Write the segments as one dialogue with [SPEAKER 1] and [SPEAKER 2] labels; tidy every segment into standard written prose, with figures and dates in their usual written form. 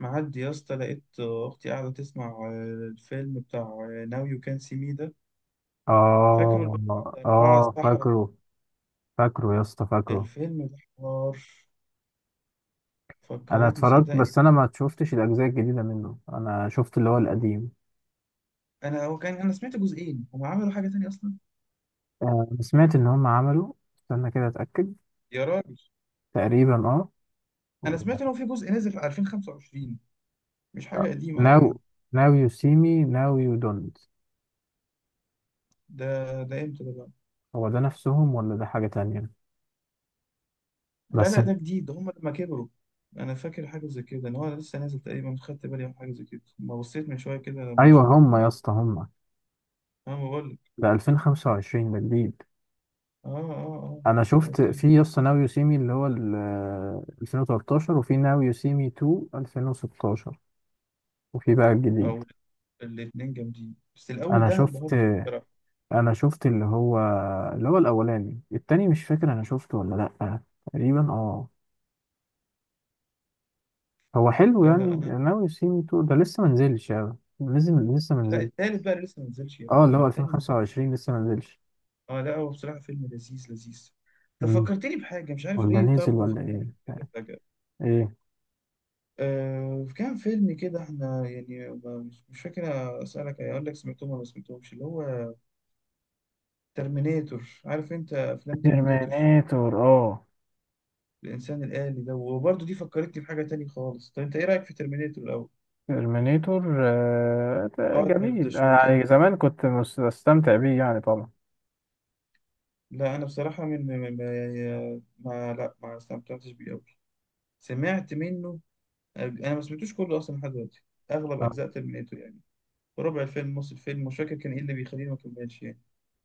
[SPEAKER 1] معدي يا اسطى، لقيت اختي قاعده تسمع الفيلم بتاع ناو يو كان سي مي ده. فاكره اللي
[SPEAKER 2] اه.
[SPEAKER 1] هو أربعة
[SPEAKER 2] اه.
[SPEAKER 1] الصحراء.
[SPEAKER 2] فاكره فاكره يا اسطى، فاكره.
[SPEAKER 1] الفيلم ده حوار
[SPEAKER 2] انا
[SPEAKER 1] فكرتني،
[SPEAKER 2] اتفرجت،
[SPEAKER 1] صدقني.
[SPEAKER 2] بس انا ما شفتش الاجزاء الجديده منه، انا شفت اللي هو القديم.
[SPEAKER 1] انا هو كان انا سمعت جزئين، هم عملوا حاجه تانية اصلا.
[SPEAKER 2] آه، سمعت ان هم عملوا. استنى كده اتاكد.
[SPEAKER 1] يا راجل،
[SPEAKER 2] تقريبا اه.
[SPEAKER 1] انا سمعت ان هو في جزء نزل في 2025. مش حاجه قديمه قوي
[SPEAKER 2] ناو
[SPEAKER 1] يعني.
[SPEAKER 2] ناو يو سي مي ناو يو دونت.
[SPEAKER 1] ده ده امتى ده بقى؟
[SPEAKER 2] هو ده نفسهم ولا ده حاجه تانية؟
[SPEAKER 1] لا
[SPEAKER 2] بس
[SPEAKER 1] لا، ده جديد، ده هم لما كبروا. انا فاكر حاجه زي كده، ان هو لسه نازل تقريبا، خدت بالي من حاجه زي كده ما بصيت من شويه كده لما
[SPEAKER 2] ايوه
[SPEAKER 1] شفت.
[SPEAKER 2] هم يا اسطى، هم.
[SPEAKER 1] اه، ما بقول لك.
[SPEAKER 2] ده 2025 ده جديد.
[SPEAKER 1] اه اه اه،
[SPEAKER 2] انا شفت
[SPEAKER 1] قلت لك.
[SPEAKER 2] في يا اسطى ناو يو سي مي اللي هو 2013، وفي ناو يو سي مي 2 2016، وفي بقى الجديد.
[SPEAKER 1] او، الاتنين جامدين، بس الأول
[SPEAKER 2] انا
[SPEAKER 1] ده أنا
[SPEAKER 2] شفت
[SPEAKER 1] انبهرت بيه بصراحة.
[SPEAKER 2] انا شفت اللي هو الاولاني. التاني مش فاكر انا شفته ولا لا، تقريبا اه. هو حلو
[SPEAKER 1] لا
[SPEAKER 2] يعني،
[SPEAKER 1] لا أنا...
[SPEAKER 2] ناوي يو سي مي تو ده لسه منزلش، يعني لازم لسه
[SPEAKER 1] لا،
[SPEAKER 2] منزلش.
[SPEAKER 1] التالت بقى لسه ما نزلش يا ابني.
[SPEAKER 2] اه، اللي
[SPEAKER 1] ما
[SPEAKER 2] هو
[SPEAKER 1] التاني.
[SPEAKER 2] 2025 لسه منزلش.
[SPEAKER 1] أه لا، هو بصراحة فيلم لذيذ لذيذ. طب
[SPEAKER 2] مم.
[SPEAKER 1] فكرتني بحاجة، مش عارف
[SPEAKER 2] ولا
[SPEAKER 1] ليه،
[SPEAKER 2] نزل
[SPEAKER 1] طب في
[SPEAKER 2] ولا
[SPEAKER 1] دماغي
[SPEAKER 2] ايه؟
[SPEAKER 1] كده فجأة.
[SPEAKER 2] ايه؟
[SPEAKER 1] كان فيلم كده، احنا يعني مش فاكر. أسألك أقول لك، سمعتهم ولا ما سمعتهمش اللي هو ترمينيتور؟ عارف أنت أفلام ترمينيتور،
[SPEAKER 2] ترمينيتور. اه،
[SPEAKER 1] الإنسان الآلي ده؟ وبرضه دي فكرتني بحاجة تانية خالص. طب أنت إيه رأيك في ترمينيتور الأول؟
[SPEAKER 2] ترمينيتور. آه، ده
[SPEAKER 1] أرنولد
[SPEAKER 2] جميل. انا يعني
[SPEAKER 1] شوارزنيجر.
[SPEAKER 2] زمان كنت بستمتع بيه يعني طبعا.
[SPEAKER 1] لا أنا بصراحة، من ما, ما يعني، ما- لا، ما استمتعتش بيه أوي. سمعت منه. أنا ما سمعتوش كله أصلا لحد دلوقتي، أغلب
[SPEAKER 2] اه.
[SPEAKER 1] أجزاء ترمينيتور يعني. ربع الفيلم، نص الفيلم، مش فاكر كان إيه اللي بيخليني ما أكملش يعني.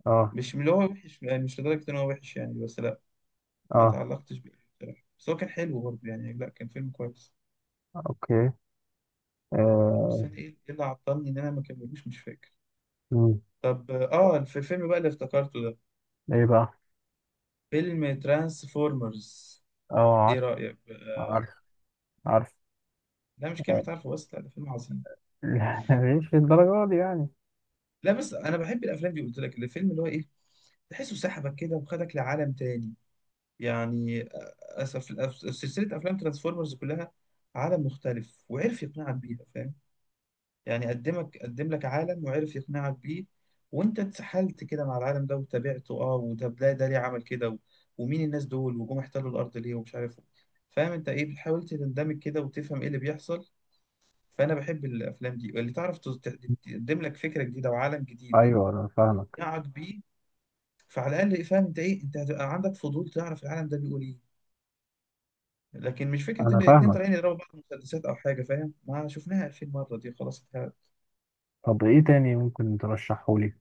[SPEAKER 2] اه.
[SPEAKER 1] مش من اللي هو وحش يعني، مش لدرجة إن هو وحش يعني، بس لا، ما
[SPEAKER 2] اه.
[SPEAKER 1] تعلقتش بيه بصراحة. بس هو كان حلو برضه يعني، لا كان فيلم كويس.
[SPEAKER 2] اوكي. آه.
[SPEAKER 1] بس أنا إيه اللي عطلني إن أنا ما كملوش، مش فاكر.
[SPEAKER 2] مم.
[SPEAKER 1] طب في الفيلم بقى اللي افتكرته ده،
[SPEAKER 2] ايه بقى؟
[SPEAKER 1] فيلم ترانسفورمرز.
[SPEAKER 2] اه،
[SPEAKER 1] إيه
[SPEAKER 2] عارف،
[SPEAKER 1] رأيك بقى؟
[SPEAKER 2] عارف، عارف.
[SPEAKER 1] لا مش كلمة عارفه بس، لا ده فيلم عظيم.
[SPEAKER 2] لا، مش للدرجة دي يعني.
[SPEAKER 1] لا بس انا بحب الافلام دي، قلت لك، الفيلم اللي هو ايه... تحسه سحبك كده وخدك لعالم تاني يعني. اسف، سلسله افلام ترانسفورمرز كلها عالم مختلف، وعرف يقنعك بيها، فاهم؟ يعني قدم لك عالم وعرف يقنعك بيه، وانت اتسحلت كده مع العالم ده وتابعته. اه وطب ده ليه عمل كده ومين الناس دول وجم احتلوا الارض ليه ومش عارف إيه. فاهم انت ايه؟ بتحاول تندمج كده وتفهم ايه اللي بيحصل. فانا بحب الافلام دي اللي تعرف تقدم لك فكره جديده وعالم جديد
[SPEAKER 2] ايوه انا فاهمك،
[SPEAKER 1] يقنعك بيه. فعلى الاقل فاهم انت ايه، انت هتبقى عندك فضول تعرف العالم ده بيقول ايه. لكن مش فكره
[SPEAKER 2] انا
[SPEAKER 1] ان الاتنين
[SPEAKER 2] فاهمك
[SPEAKER 1] طالعين يضربوا بعض مسدسات او حاجه، فاهم؟ ما شفناها 2000 مره، دي خلاص اتهرت.
[SPEAKER 2] طب ايه تاني ممكن ترشحه لي؟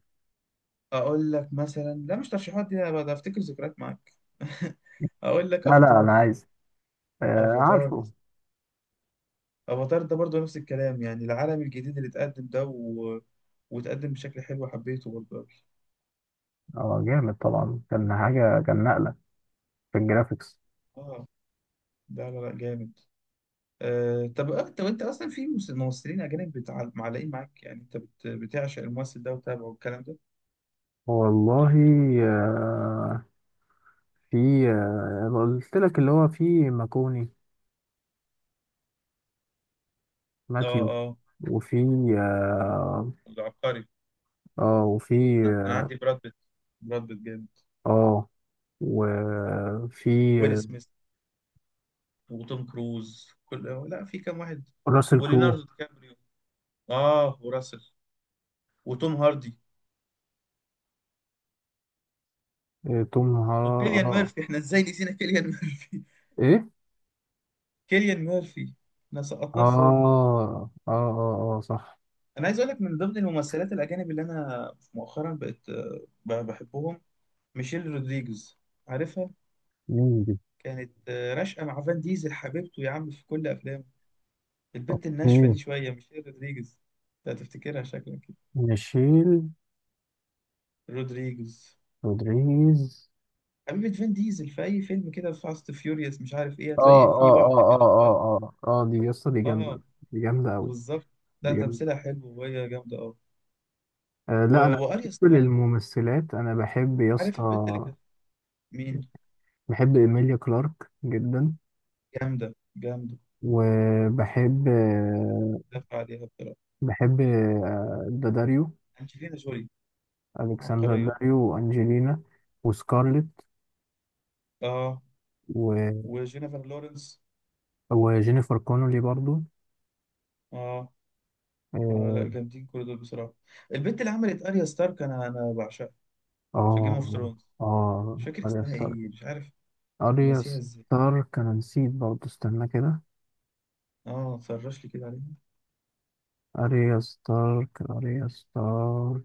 [SPEAKER 1] اقول لك مثلا... لا، مش ترشيحات دي، انا بقى افتكر ذكريات معاك. اقول لك
[SPEAKER 2] لا لا، انا
[SPEAKER 1] افاتار.
[SPEAKER 2] عايز. آه،
[SPEAKER 1] افاتار
[SPEAKER 2] عارفه.
[SPEAKER 1] افاتار ده برضو نفس الكلام يعني، العالم الجديد اللي اتقدم ده... و... واتقدم بشكل حلو، حبيته برضو أوي.
[SPEAKER 2] اه جامد طبعا، كان حاجه، كان نقله في الجرافيكس.
[SPEAKER 1] اه، لا لا لا جامد. طب انت، اصلا في ممثلين اجانب معلقين معاك يعني، انت بتعشق الممثل ده وتابعه والكلام ده؟
[SPEAKER 2] والله. آه. في. آه قلت لك اللي هو، في ماكوني،
[SPEAKER 1] اه
[SPEAKER 2] ماتيو.
[SPEAKER 1] اه،
[SPEAKER 2] وفي. اه.
[SPEAKER 1] العبقري.
[SPEAKER 2] آه، وفي.
[SPEAKER 1] انا عندي براد بيت. براد بيت جامد.
[SPEAKER 2] اه. آه، وفي.
[SPEAKER 1] ويل
[SPEAKER 2] آه،
[SPEAKER 1] سميث وتوم كروز كل... لا، في كام واحد.
[SPEAKER 2] راسل كرو.
[SPEAKER 1] وليوناردو دي كابريو. اه، وراسل. وتوم هاردي.
[SPEAKER 2] آه، توم
[SPEAKER 1] وكيليان
[SPEAKER 2] اه.
[SPEAKER 1] ميرفي، احنا ازاي نسينا كيليان ميرفي؟
[SPEAKER 2] ايه.
[SPEAKER 1] كيليان ميرفي، احنا
[SPEAKER 2] اه
[SPEAKER 1] سقطناه ازاي ده؟
[SPEAKER 2] اه اه اه، صح.
[SPEAKER 1] انا عايز اقول لك، من ضمن الممثلات الاجانب اللي انا مؤخرا بقت بحبهم، ميشيل رودريجز. عارفها؟
[SPEAKER 2] مين دي؟
[SPEAKER 1] كانت راشقه مع فان ديزل، حبيبته يا عم في كل افلامه. البت الناشفة
[SPEAKER 2] اوكي.
[SPEAKER 1] دي شوية، مش هي رودريجز؟ انت هتفتكرها شكلا كده.
[SPEAKER 2] نشيل.
[SPEAKER 1] رودريجز،
[SPEAKER 2] رودريجيز.
[SPEAKER 1] حبيبة فين ديزل في أي فيلم كده، في فاست فيوريوس مش عارف إيه،
[SPEAKER 2] اه
[SPEAKER 1] هتلاقي في
[SPEAKER 2] اه
[SPEAKER 1] واحدة
[SPEAKER 2] اه اه
[SPEAKER 1] كده هو.
[SPEAKER 2] اه اه اه، دي يسطا، دي جامدة.
[SPEAKER 1] آه،
[SPEAKER 2] دي جامدة أوي.
[SPEAKER 1] بالظبط. لا،
[SPEAKER 2] دي جامدة.
[SPEAKER 1] تمثيلها حلو وهي جامدة أوي.
[SPEAKER 2] آه،
[SPEAKER 1] و...
[SPEAKER 2] لا أنا.
[SPEAKER 1] وأريا
[SPEAKER 2] بالنسبة
[SPEAKER 1] ستار،
[SPEAKER 2] للممثلات أنا بحب
[SPEAKER 1] عارف البت اللي
[SPEAKER 2] يسطا،
[SPEAKER 1] كانت؟ مين؟
[SPEAKER 2] بحب إيميليا كلارك جدا.
[SPEAKER 1] جامدة جامدة،
[SPEAKER 2] وبحب آه،
[SPEAKER 1] دافع عليها بصراحة.
[SPEAKER 2] بحب داداريو.
[SPEAKER 1] أنجلينا جولي،
[SPEAKER 2] ألكسندر
[SPEAKER 1] عبقرية.
[SPEAKER 2] داريو، وأنجلينا، وسكارلت،
[SPEAKER 1] آه
[SPEAKER 2] و...
[SPEAKER 1] وجينيفر لورنس.
[SPEAKER 2] وجينيفر كونولي برضو.
[SPEAKER 1] آه آه، لا
[SPEAKER 2] آه.
[SPEAKER 1] جامدين كل دول بصراحة. البت اللي عملت أريا ستارك، أنا بعشقها في جيم اوف
[SPEAKER 2] اه.
[SPEAKER 1] ثرونز.
[SPEAKER 2] اه،
[SPEAKER 1] مش فاكر
[SPEAKER 2] اريا
[SPEAKER 1] اسمها
[SPEAKER 2] ستارك،
[SPEAKER 1] ايه، مش عارف،
[SPEAKER 2] اريا
[SPEAKER 1] ناسيها ازاي.
[SPEAKER 2] ستارك، انا نسيت برضه، استنى كده.
[SPEAKER 1] اه، سرش لي كده عليها.
[SPEAKER 2] اريا ستارك، اريا ستارك.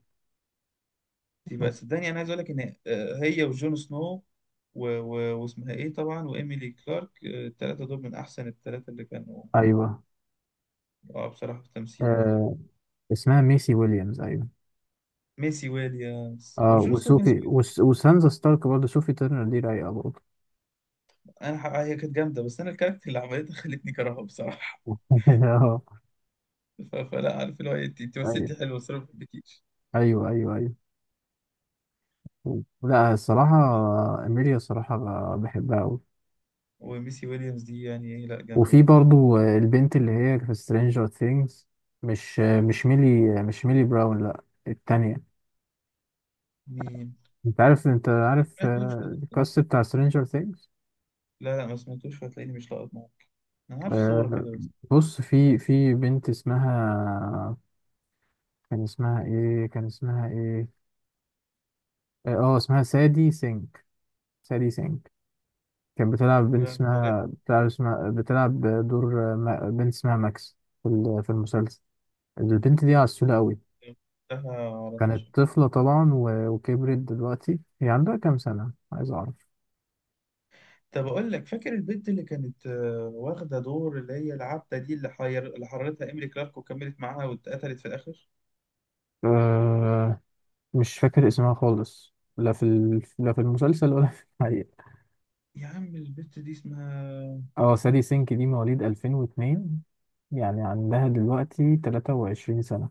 [SPEAKER 1] دي بقى،
[SPEAKER 2] أوك.
[SPEAKER 1] صدقني انا عايز اقول لك ان هي وجون سنو و... و... واسمها ايه طبعا، وايميلي كلارك، التلاتة دول من احسن التلاتة اللي كانوا
[SPEAKER 2] ايوه.
[SPEAKER 1] اه بصراحة في التمثيل يعني.
[SPEAKER 2] آه، اسمها ميسي ويليامز، ايوه.
[SPEAKER 1] ميسي ويليامز
[SPEAKER 2] اه،
[SPEAKER 1] وجون سنو كان
[SPEAKER 2] وسوفي،
[SPEAKER 1] اسمه إيه؟
[SPEAKER 2] وسانزا ستارك برضه، سوفي تيرنر دي رايقه برضه.
[SPEAKER 1] هي كانت جامدة، بس انا الكاركتر اللي عملتها خلتني كرهها بصراحة.
[SPEAKER 2] اه.
[SPEAKER 1] ف... فلا عارف اللي هو إيه، انت،
[SPEAKER 2] ايوه
[SPEAKER 1] مثلتي حلو بس انا ما بحبكيش.
[SPEAKER 2] ايوه ايوه، ايوه. لا الصراحه. اميليا الصراحه بحبها قوي.
[SPEAKER 1] وميسي ويليامز دي يعني ايه، لا جامدة
[SPEAKER 2] وفي
[SPEAKER 1] برضه.
[SPEAKER 2] برضه البنت اللي هي في سترينجر ثينجز. مش ميلي، مش ميلي براون، لا التانية.
[SPEAKER 1] مين؟
[SPEAKER 2] انت عارف
[SPEAKER 1] ما سمعتوش.
[SPEAKER 2] آه، الكاست بتاع سترينجر ثينجز.
[SPEAKER 1] لا لا، ما سمعتوش، فهتلاقيني مش لاقط معاك. انا عارف صورة كده بس.
[SPEAKER 2] بص، في بنت اسمها. كان اسمها ايه؟ كان اسمها ايه؟ اسمها سادي سينك. سادي سينك. كانت بتلعب بنت،
[SPEAKER 1] لا
[SPEAKER 2] اسمها بتلعب، اسمها بتلعب دور آه، بنت اسمها ماكس في في المسلسل. البنت دي عسولة قوي.
[SPEAKER 1] على
[SPEAKER 2] كانت
[SPEAKER 1] فشل.
[SPEAKER 2] طفلة طبعا، وكبرت دلوقتي. هي عندها كام سنة؟ عايز اعرف.
[SPEAKER 1] طب أقول لك، فاكر البنت اللي كانت واخدة دور اللي هي العبدة دي، اللي اللي حررتها إيميلي كلارك وكملت معاها واتقتلت في الآخر؟
[SPEAKER 2] أه. مش فاكر اسمها خالص، لا لا في المسلسل ولا في الحقيقة.
[SPEAKER 1] يا عم البنت دي اسمها...
[SPEAKER 2] اه، سالي سينك دي مواليد 2002، يعني عندها دلوقتي 23 سنة.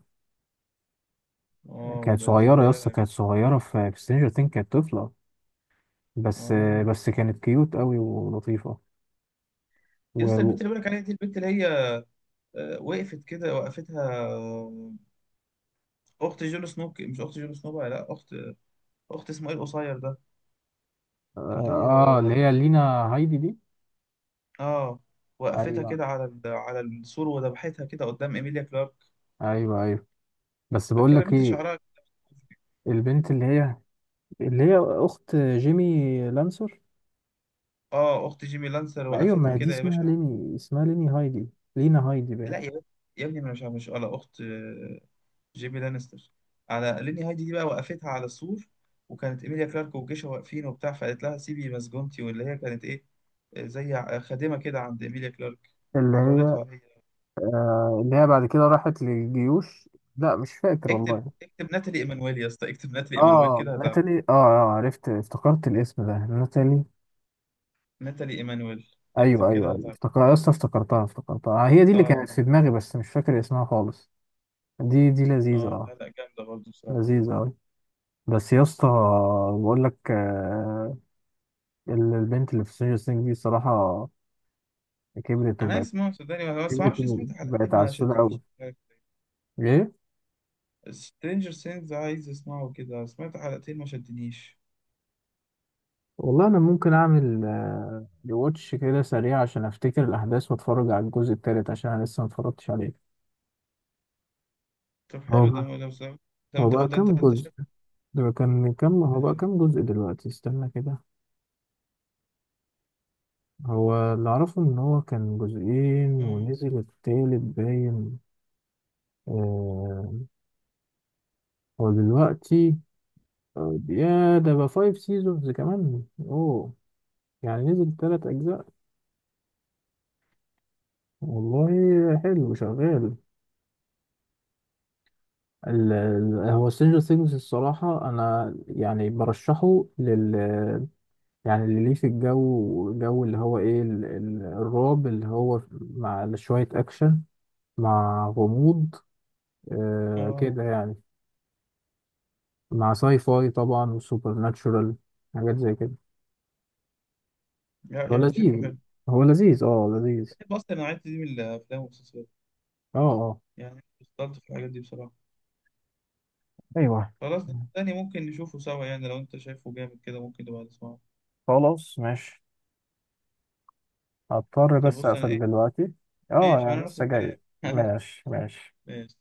[SPEAKER 1] آه،
[SPEAKER 2] كانت
[SPEAKER 1] ده لسه
[SPEAKER 2] صغيرة يا اسطى،
[SPEAKER 1] صغيرة.
[SPEAKER 2] كانت صغيرة في سترينجر ثينج، كانت طفلة بس.
[SPEAKER 1] آه،
[SPEAKER 2] بس كانت كيوت قوي ولطيفة. و...
[SPEAKER 1] لسه البنت
[SPEAKER 2] و-
[SPEAKER 1] اللي بقولك عليها دي، البنت اللي هي وقفت كده، وقفتها، أخت جون سنو، مش أخت جون سنو بقى، لا أخت، أخت اسمه إيه القصير ده، اللي هي...
[SPEAKER 2] اه، اللي هي لينا هايدي دي.
[SPEAKER 1] آه، وقفتها
[SPEAKER 2] ايوه
[SPEAKER 1] كده على على السور وذبحتها كده قدام إيميليا كلارك.
[SPEAKER 2] ايوه ايوه. بس بقول
[SPEAKER 1] فاكرة
[SPEAKER 2] لك
[SPEAKER 1] البنت
[SPEAKER 2] ايه.
[SPEAKER 1] شعرها؟
[SPEAKER 2] البنت اللي هي، اخت جيمي لانسر.
[SPEAKER 1] اه، اخت جيمي لانستر،
[SPEAKER 2] ايوه، ما
[SPEAKER 1] وقفتها
[SPEAKER 2] هي دي
[SPEAKER 1] كده يا
[SPEAKER 2] اسمها
[SPEAKER 1] باشا.
[SPEAKER 2] ليني، اسمها ليني هايدي، لينا هايدي بقى.
[SPEAKER 1] لا يا باشا، يا ابني، ما أنا مش ولا اخت، جيمي لانستر، على ليني هايدي دي بقى وقفتها على السور، وكانت ايميليا كلارك وجيشها واقفين وبتاع، فقالت لها سيبي مسجونتي، واللي هي كانت ايه، زي خادمه كده عند ايميليا كلارك،
[SPEAKER 2] اللي هي
[SPEAKER 1] حررتها هي.
[SPEAKER 2] اللي هي بعد كده راحت للجيوش. لا، مش فاكر
[SPEAKER 1] اكتب
[SPEAKER 2] والله.
[SPEAKER 1] اكتب ناتالي ايمانويل يا اسطى، اكتب ناتالي ايمانويل
[SPEAKER 2] اه،
[SPEAKER 1] كده هتعرف.
[SPEAKER 2] ناتالي. اه، اه، عرفت، افتكرت الاسم ده، ناتالي.
[SPEAKER 1] ناتالي ايمانويل. اكتب
[SPEAKER 2] ايوه ايوه
[SPEAKER 1] كده
[SPEAKER 2] ايوه،
[SPEAKER 1] هتعرف.
[SPEAKER 2] افتكر اصلا، افتكرتها آه، هي دي اللي كانت
[SPEAKER 1] اه.
[SPEAKER 2] في دماغي، بس مش فاكر اسمها خالص. دي لذيذة،
[SPEAKER 1] اه، لا
[SPEAKER 2] اه.
[SPEAKER 1] لا جامده برضه بصراحه.
[SPEAKER 2] لذيذة اوي. بس يا اسطى، بقول لك آه. البنت اللي في سينجر سينج دي صراحة. كبرت
[SPEAKER 1] انا
[SPEAKER 2] وبقت
[SPEAKER 1] اسمه صدقني بس ما
[SPEAKER 2] كبرت
[SPEAKER 1] اعرفش، سمعت حلقتين
[SPEAKER 2] وبقت
[SPEAKER 1] ما
[SPEAKER 2] عسولة اوي.
[SPEAKER 1] شدنيش.
[SPEAKER 2] ايه.
[SPEAKER 1] سترينجر سينز عايز اسمعه كده، سمعت حلقتين ما شدنيش.
[SPEAKER 2] والله انا ممكن اعمل ريواتش كده سريع عشان افتكر الاحداث، واتفرج على الجزء التالت عشان انا لسه ما اتفرجتش عليه.
[SPEAKER 1] طب
[SPEAKER 2] هو
[SPEAKER 1] حلو، ده
[SPEAKER 2] بقى
[SPEAKER 1] ده بس- ده
[SPEAKER 2] هو
[SPEAKER 1] انت
[SPEAKER 2] بقى
[SPEAKER 1] ده انت
[SPEAKER 2] كام
[SPEAKER 1] انت
[SPEAKER 2] جزء؟
[SPEAKER 1] شايفه.
[SPEAKER 2] ده كان كام، هو
[SPEAKER 1] مش
[SPEAKER 2] بقى كام
[SPEAKER 1] عارف.
[SPEAKER 2] جزء دلوقتي؟ استنى كده. هو اللي اعرفه ان هو كان جزئين،
[SPEAKER 1] أمم،
[SPEAKER 2] ونزل التالت باين. آه. هو دلوقتي آه، يا ده بقى فايف سيزونز كمان، اوه. يعني نزل تلات اجزاء. والله حلو شغال. هو سترينجر ثينجز الصراحة، أنا يعني برشحه لل. يعني اللي ليه في الجو، جو اللي هو إيه الرعب اللي هو مع شوية أكشن. مع غموض، آه
[SPEAKER 1] اه
[SPEAKER 2] كده يعني. مع ساي فاي طبعا، وسوبر ناتشورال. حاجات زي كده.
[SPEAKER 1] لا،
[SPEAKER 2] هو
[SPEAKER 1] يعني شكله
[SPEAKER 2] لذيذ،
[SPEAKER 1] حلو.
[SPEAKER 2] هو لذيذ، اه لذيذ.
[SPEAKER 1] بحب اصلا النوعية دي من الافلام والمسلسلات،
[SPEAKER 2] اه. اه.
[SPEAKER 1] يعني بطلت في الحاجات دي بصراحة.
[SPEAKER 2] ايوه.
[SPEAKER 1] خلاص ده تاني ممكن نشوفه سوا يعني، لو انت شايفه جامد كده ممكن نبقى نسمعه.
[SPEAKER 2] خلاص ماشي. هضطر
[SPEAKER 1] طب
[SPEAKER 2] بس
[SPEAKER 1] بص انا
[SPEAKER 2] أقفل
[SPEAKER 1] ايه...
[SPEAKER 2] دلوقتي. اه،
[SPEAKER 1] ماشي، ما انا
[SPEAKER 2] يعني
[SPEAKER 1] نفس
[SPEAKER 2] لسه جاي.
[SPEAKER 1] الكلام.
[SPEAKER 2] ماشي، ماشي.
[SPEAKER 1] ماشي.